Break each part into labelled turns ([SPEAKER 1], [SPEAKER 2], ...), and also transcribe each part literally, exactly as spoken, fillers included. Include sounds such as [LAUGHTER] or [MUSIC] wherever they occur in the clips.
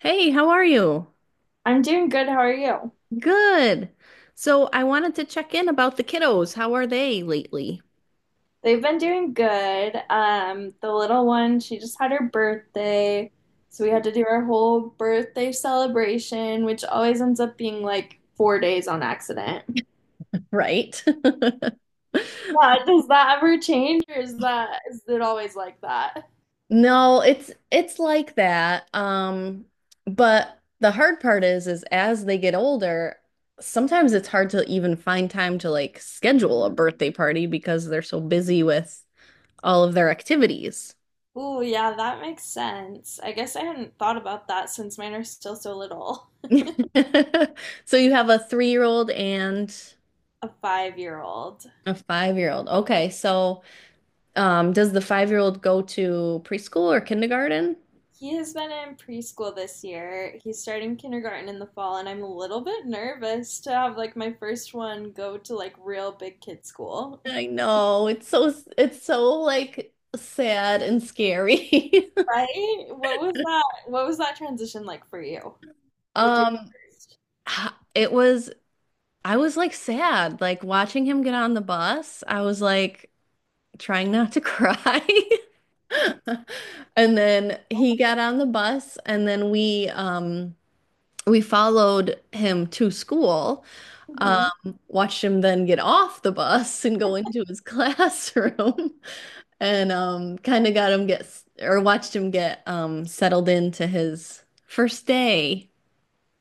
[SPEAKER 1] Hey, how are you?
[SPEAKER 2] I'm doing good. How are you?
[SPEAKER 1] Good. So I wanted to check in about the kiddos. How are they lately?
[SPEAKER 2] They've been doing good. Um, the little one, she just had her birthday, so we had to do our whole birthday celebration, which always ends up being like four days on accident.
[SPEAKER 1] Right. [LAUGHS]
[SPEAKER 2] Yeah, does that ever change, or is that is it always like that?
[SPEAKER 1] No, it's it's like that. Um, but the hard part is is as they get older, sometimes it's hard to even find time to like schedule a birthday party because they're so busy with all of their activities.
[SPEAKER 2] Ooh, yeah, that makes sense. I guess I hadn't thought about that since mine are still so little,
[SPEAKER 1] [LAUGHS] So you have a three-year-old and
[SPEAKER 2] a five-year-old.
[SPEAKER 1] a five-year-old. Okay, so Um, does the five-year-old go to preschool or kindergarten?
[SPEAKER 2] He has been in preschool this year. He's starting kindergarten in the fall, and I'm a little bit nervous to have like my first one go to like real big kid school. [LAUGHS]
[SPEAKER 1] I know, it's so it's so like sad and scary. [LAUGHS]
[SPEAKER 2] Right? What was that? What was that transition like for you with your
[SPEAKER 1] Um,
[SPEAKER 2] first.
[SPEAKER 1] it was I was like sad, like watching him get on the bus. I was like trying not to cry. [LAUGHS] And then he got on the bus and then we um we followed him to school. Um, Watched him then get off the bus [LAUGHS] and go into his [LAUGHS] classroom and um, kind of got him get or watched him get um, settled into his first day,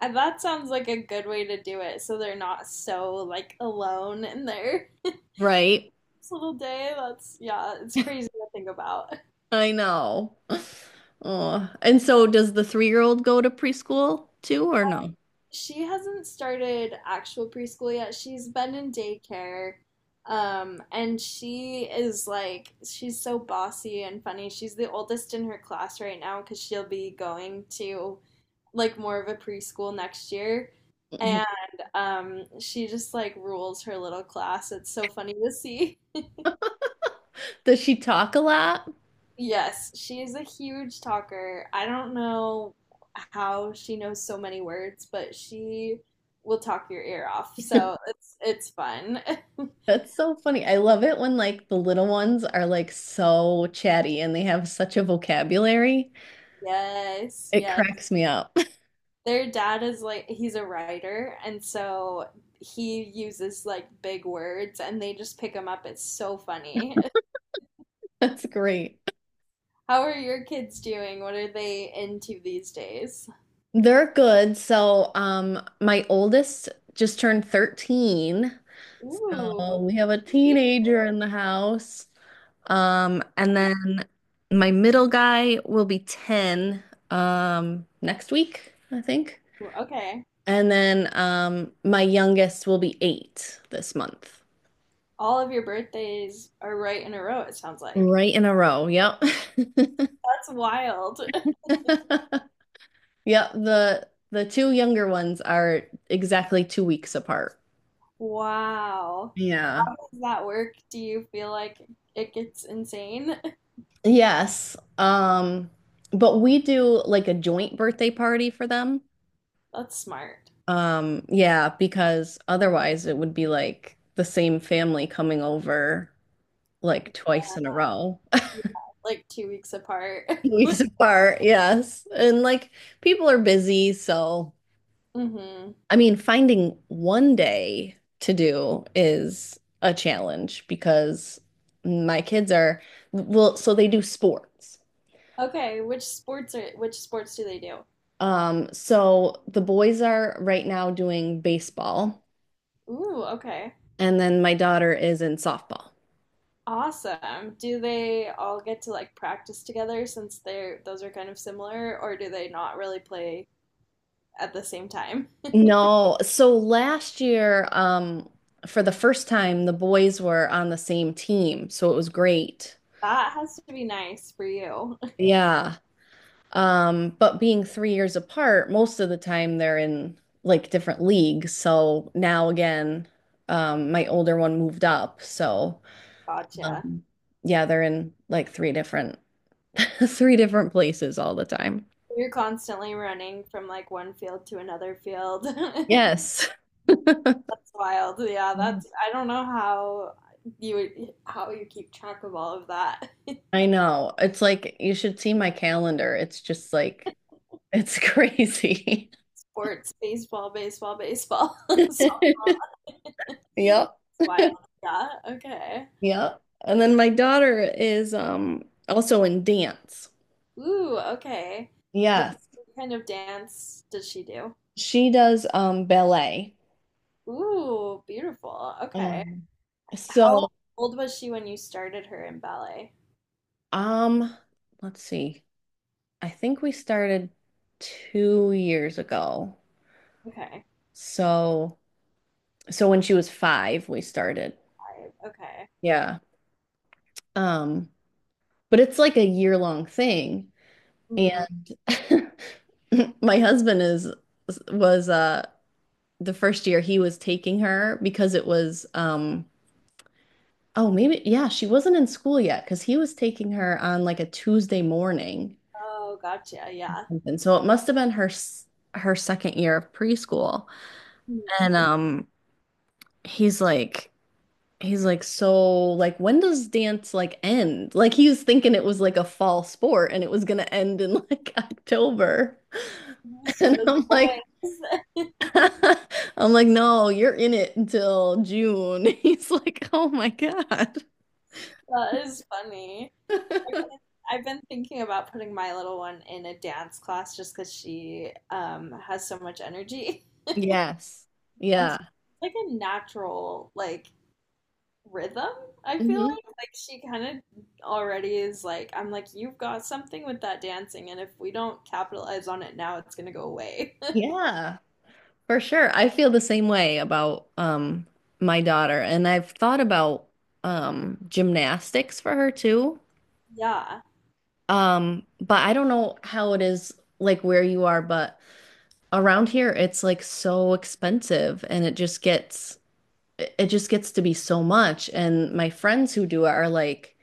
[SPEAKER 2] And that sounds like a good way to do it, so they're not so like alone in their
[SPEAKER 1] right?
[SPEAKER 2] [LAUGHS] little day. That's, yeah, it's crazy to think about.
[SPEAKER 1] I know. [LAUGHS] Oh, and so does the three-year-old go to preschool too, or no?
[SPEAKER 2] She hasn't started actual preschool yet. She's been in daycare. Um, and she is like, she's so bossy and funny. She's the oldest in her class right now because she'll be going to like more of a preschool next year.
[SPEAKER 1] Mhm.
[SPEAKER 2] And um, she just like rules her little class. It's so funny to see.
[SPEAKER 1] Does she talk a lot?
[SPEAKER 2] Yes, she is a huge talker. I don't know how she knows so many words, but she will talk your ear off. So
[SPEAKER 1] [LAUGHS]
[SPEAKER 2] it's it's fun. [LAUGHS]
[SPEAKER 1] That's so funny. I love it when like the little ones are like so chatty and they have such a vocabulary.
[SPEAKER 2] Yes,
[SPEAKER 1] It
[SPEAKER 2] yes.
[SPEAKER 1] cracks me up. [LAUGHS]
[SPEAKER 2] Their dad is like he's a writer, and so he uses like big words and they just pick them up. It's so funny.
[SPEAKER 1] That's great.
[SPEAKER 2] [LAUGHS] How are your kids doing? What are they into these days?
[SPEAKER 1] They're good. So, um, my oldest just turned thirteen. So
[SPEAKER 2] Ooh,
[SPEAKER 1] we have a
[SPEAKER 2] teen.
[SPEAKER 1] teenager in the house. Um, and then my middle guy will be ten, um, next week, I think.
[SPEAKER 2] Okay.
[SPEAKER 1] And then, um, my youngest will be eight this month.
[SPEAKER 2] All of your birthdays are right in a row, it sounds like.
[SPEAKER 1] Right in a row. Yep.
[SPEAKER 2] That's wild.
[SPEAKER 1] [LAUGHS] Yep. The the two younger ones are exactly two weeks apart.
[SPEAKER 2] Wow.
[SPEAKER 1] Yeah.
[SPEAKER 2] How does that work? Do you feel like it gets insane?
[SPEAKER 1] Yes. Um, but we do like a joint birthday party for them.
[SPEAKER 2] [LAUGHS] That's smart.
[SPEAKER 1] Um, yeah, because otherwise it would be like the same family coming over like twice in a row,
[SPEAKER 2] Yeah, like two weeks apart.
[SPEAKER 1] [LAUGHS] weeks
[SPEAKER 2] [LAUGHS]
[SPEAKER 1] apart. Yes. And like people are busy, so
[SPEAKER 2] Hmm.
[SPEAKER 1] I mean, finding one day to do is a challenge because my kids are well, so they do sports.
[SPEAKER 2] Okay, which sports are which sports do they do?
[SPEAKER 1] Um, so the boys are right now doing baseball,
[SPEAKER 2] Ooh, okay.
[SPEAKER 1] and then my daughter is in softball.
[SPEAKER 2] Awesome. Do they all get to like practice together since they're those are kind of similar, or do they not really play at the same time? [LAUGHS]
[SPEAKER 1] No, so last year, um, for the first time, the boys were on the same team, so it was great.
[SPEAKER 2] That has to be nice for you.
[SPEAKER 1] Yeah. Um, but being three years apart, most of the time they're in like different leagues. So now again, um, my older one moved up, so
[SPEAKER 2] [LAUGHS] Gotcha.
[SPEAKER 1] um, yeah, they're in like three different [LAUGHS] three different places all the time.
[SPEAKER 2] You're constantly running from like one field to another field. [LAUGHS] That's
[SPEAKER 1] Yes.
[SPEAKER 2] wild. Yeah,
[SPEAKER 1] Yeah.
[SPEAKER 2] that's, I don't know how you would how you keep track of all of that.
[SPEAKER 1] I know. It's like you should see my calendar. It's just like it's [LAUGHS] crazy.
[SPEAKER 2] [LAUGHS] Sports, baseball, baseball, baseball. [LAUGHS] So,
[SPEAKER 1] [LAUGHS]
[SPEAKER 2] it's
[SPEAKER 1] Yep.
[SPEAKER 2] wild. Yeah. Okay.
[SPEAKER 1] Yep. And then my daughter is um also in dance.
[SPEAKER 2] Ooh, okay. Does,
[SPEAKER 1] Yes.
[SPEAKER 2] what kind of dance does she do?
[SPEAKER 1] She does um ballet.
[SPEAKER 2] Ooh, beautiful. Okay.
[SPEAKER 1] Um
[SPEAKER 2] How
[SPEAKER 1] so
[SPEAKER 2] old was she when you started her in ballet?
[SPEAKER 1] um let's see. I think we started two years ago.
[SPEAKER 2] Okay.
[SPEAKER 1] So so when she was five, we started.
[SPEAKER 2] Five. Okay.
[SPEAKER 1] Yeah. Um, but it's like a year long thing.
[SPEAKER 2] Hmm.
[SPEAKER 1] [LAUGHS] My husband is was uh the first year he was taking her because it was um oh maybe yeah she wasn't in school yet because he was taking her on like a Tuesday morning
[SPEAKER 2] Oh, gotcha. Yeah.
[SPEAKER 1] and so it must have been her s- her second year of preschool
[SPEAKER 2] Mhm.
[SPEAKER 1] and um he's like he's like so like when does dance like end like he was thinking it was like a fall sport and it was gonna end in like [LAUGHS] October
[SPEAKER 2] Used to
[SPEAKER 1] and
[SPEAKER 2] those
[SPEAKER 1] I'm like
[SPEAKER 2] boys. [LAUGHS]
[SPEAKER 1] [LAUGHS] I'm like, no, you're in it until June. [LAUGHS] He's like, oh my God.
[SPEAKER 2] That is funny. I've been,
[SPEAKER 1] [LAUGHS]
[SPEAKER 2] I've been thinking about putting my little one in a dance class just because she um has so much energy. [LAUGHS]
[SPEAKER 1] Yes.
[SPEAKER 2] And
[SPEAKER 1] Yeah.
[SPEAKER 2] she's like a natural like rhythm, I feel like.
[SPEAKER 1] Hmm.
[SPEAKER 2] Like she kind of already is like, I'm like, you've got something with that dancing, and if we don't capitalize on it now, it's gonna go away. [LAUGHS]
[SPEAKER 1] Yeah, for sure. I feel the same way about um my daughter, and I've thought about um gymnastics for her too.
[SPEAKER 2] Yeah,
[SPEAKER 1] Um, but I don't know how it is like where you are, but around here it's like so expensive and it just gets it it just gets to be so much. And my friends who do it are like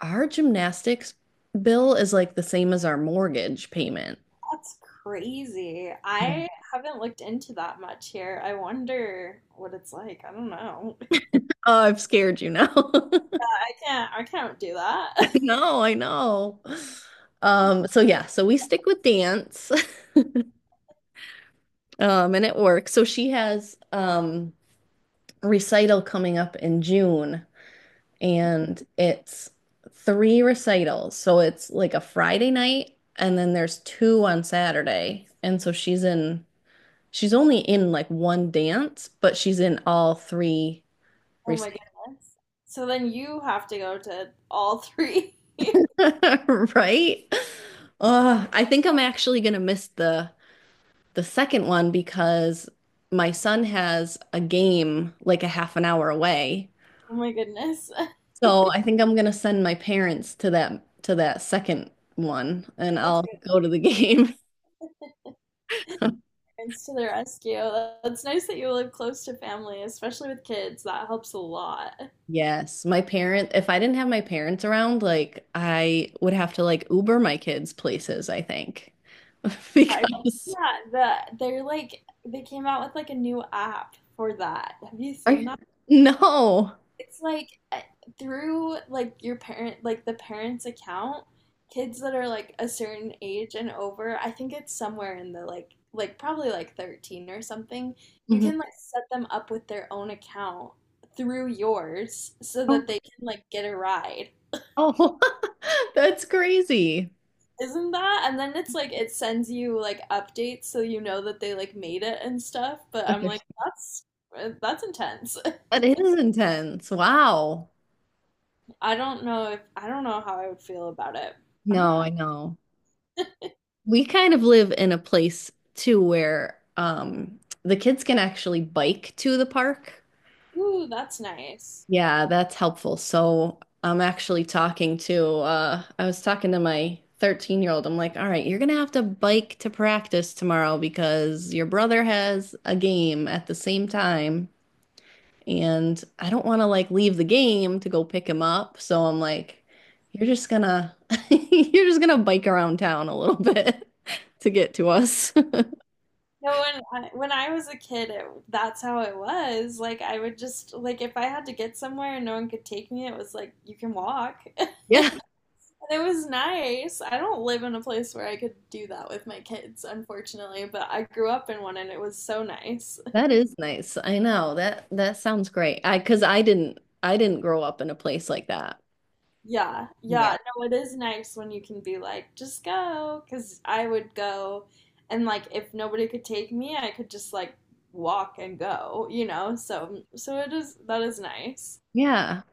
[SPEAKER 1] our gymnastics bill is like the same as our mortgage payment.
[SPEAKER 2] that's crazy.
[SPEAKER 1] Yeah.
[SPEAKER 2] I haven't looked into that much here. I wonder what it's like. I don't know.
[SPEAKER 1] Oh, I've scared you now. [LAUGHS]
[SPEAKER 2] Can't I can't do that. [LAUGHS]
[SPEAKER 1] No, I know. Um, so yeah, so we stick with dance, um, and it works. So she has um recital coming up in June, and it's three recitals. So it's like a Friday night, and then there's two on Saturday. And so she's in she's only in like one dance, but she's in all three
[SPEAKER 2] Oh my
[SPEAKER 1] recitals.
[SPEAKER 2] goodness. So then you have to go to all three. [LAUGHS]
[SPEAKER 1] [LAUGHS] Right? Uh, I think I'm actually gonna miss the the second one because my son has a game like a half an hour away.
[SPEAKER 2] Oh my goodness. [LAUGHS] That's
[SPEAKER 1] So I think I'm gonna send my parents to that to that second one and I'll
[SPEAKER 2] like
[SPEAKER 1] go to the game. [LAUGHS]
[SPEAKER 2] parents to the rescue. That's nice that you live close to family, especially with kids. That helps a lot.
[SPEAKER 1] Yes, my parent, if I didn't have my parents around, like I would have to like Uber my kids places, I think. [LAUGHS]
[SPEAKER 2] I-
[SPEAKER 1] Because
[SPEAKER 2] yeah, the they're like they came out with like a new app for that. Have you
[SPEAKER 1] Are
[SPEAKER 2] seen?
[SPEAKER 1] you- no.
[SPEAKER 2] It's like uh, through like your parent, like the parents' account, kids that are like a certain age and over, I think it's somewhere in the like like probably like thirteen or something. You
[SPEAKER 1] Mhm.
[SPEAKER 2] can like set them up with their own account through yours so that they can like get a ride.
[SPEAKER 1] Oh, [LAUGHS] that's crazy.
[SPEAKER 2] Isn't that? And then it's like it sends you like updates so you know that they like made it and stuff, but
[SPEAKER 1] That
[SPEAKER 2] I'm like that's, eh, that's intense. [LAUGHS]
[SPEAKER 1] is intense. Wow.
[SPEAKER 2] I don't know if I don't know how I would feel about it. I don't know.
[SPEAKER 1] No, I know. We kind of live in a place too where um the kids can actually bike to the park.
[SPEAKER 2] Ooh, that's nice.
[SPEAKER 1] Yeah, that's helpful. So I'm actually talking to uh I was talking to my thirteen year old. I'm like, all right, you're gonna have to bike to practice tomorrow because your brother has a game at the same time. And I don't want to like leave the game to go pick him up. So I'm like, you're just gonna [LAUGHS] you're just gonna bike around town a little bit [LAUGHS] to get to us. [LAUGHS]
[SPEAKER 2] No, when I, when I was a kid, it, that's how it was. Like I would just like if I had to get somewhere and no one could take me, it was like you can walk. [LAUGHS]
[SPEAKER 1] Yeah,
[SPEAKER 2] And it was nice. I don't live in a place where I could do that with my kids, unfortunately, but I grew up in one and it was so nice. [LAUGHS]
[SPEAKER 1] that is nice. I know. That that sounds great. I because I didn't I didn't grow up in a place like that
[SPEAKER 2] Yeah. Yeah,
[SPEAKER 1] either.
[SPEAKER 2] no, it is nice when you can be like just go, because I would go and like if nobody could take me, I could just like walk and go, you know? So so it is, that is nice.
[SPEAKER 1] Yeah.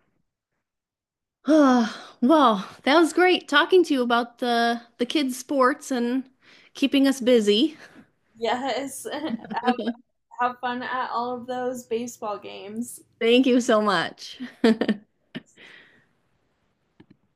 [SPEAKER 1] [SIGHS] Well, that was great talking to you about the the kids' sports and keeping us busy.
[SPEAKER 2] Yes. [LAUGHS] Have have fun at all of those baseball games.
[SPEAKER 1] Thank you so much.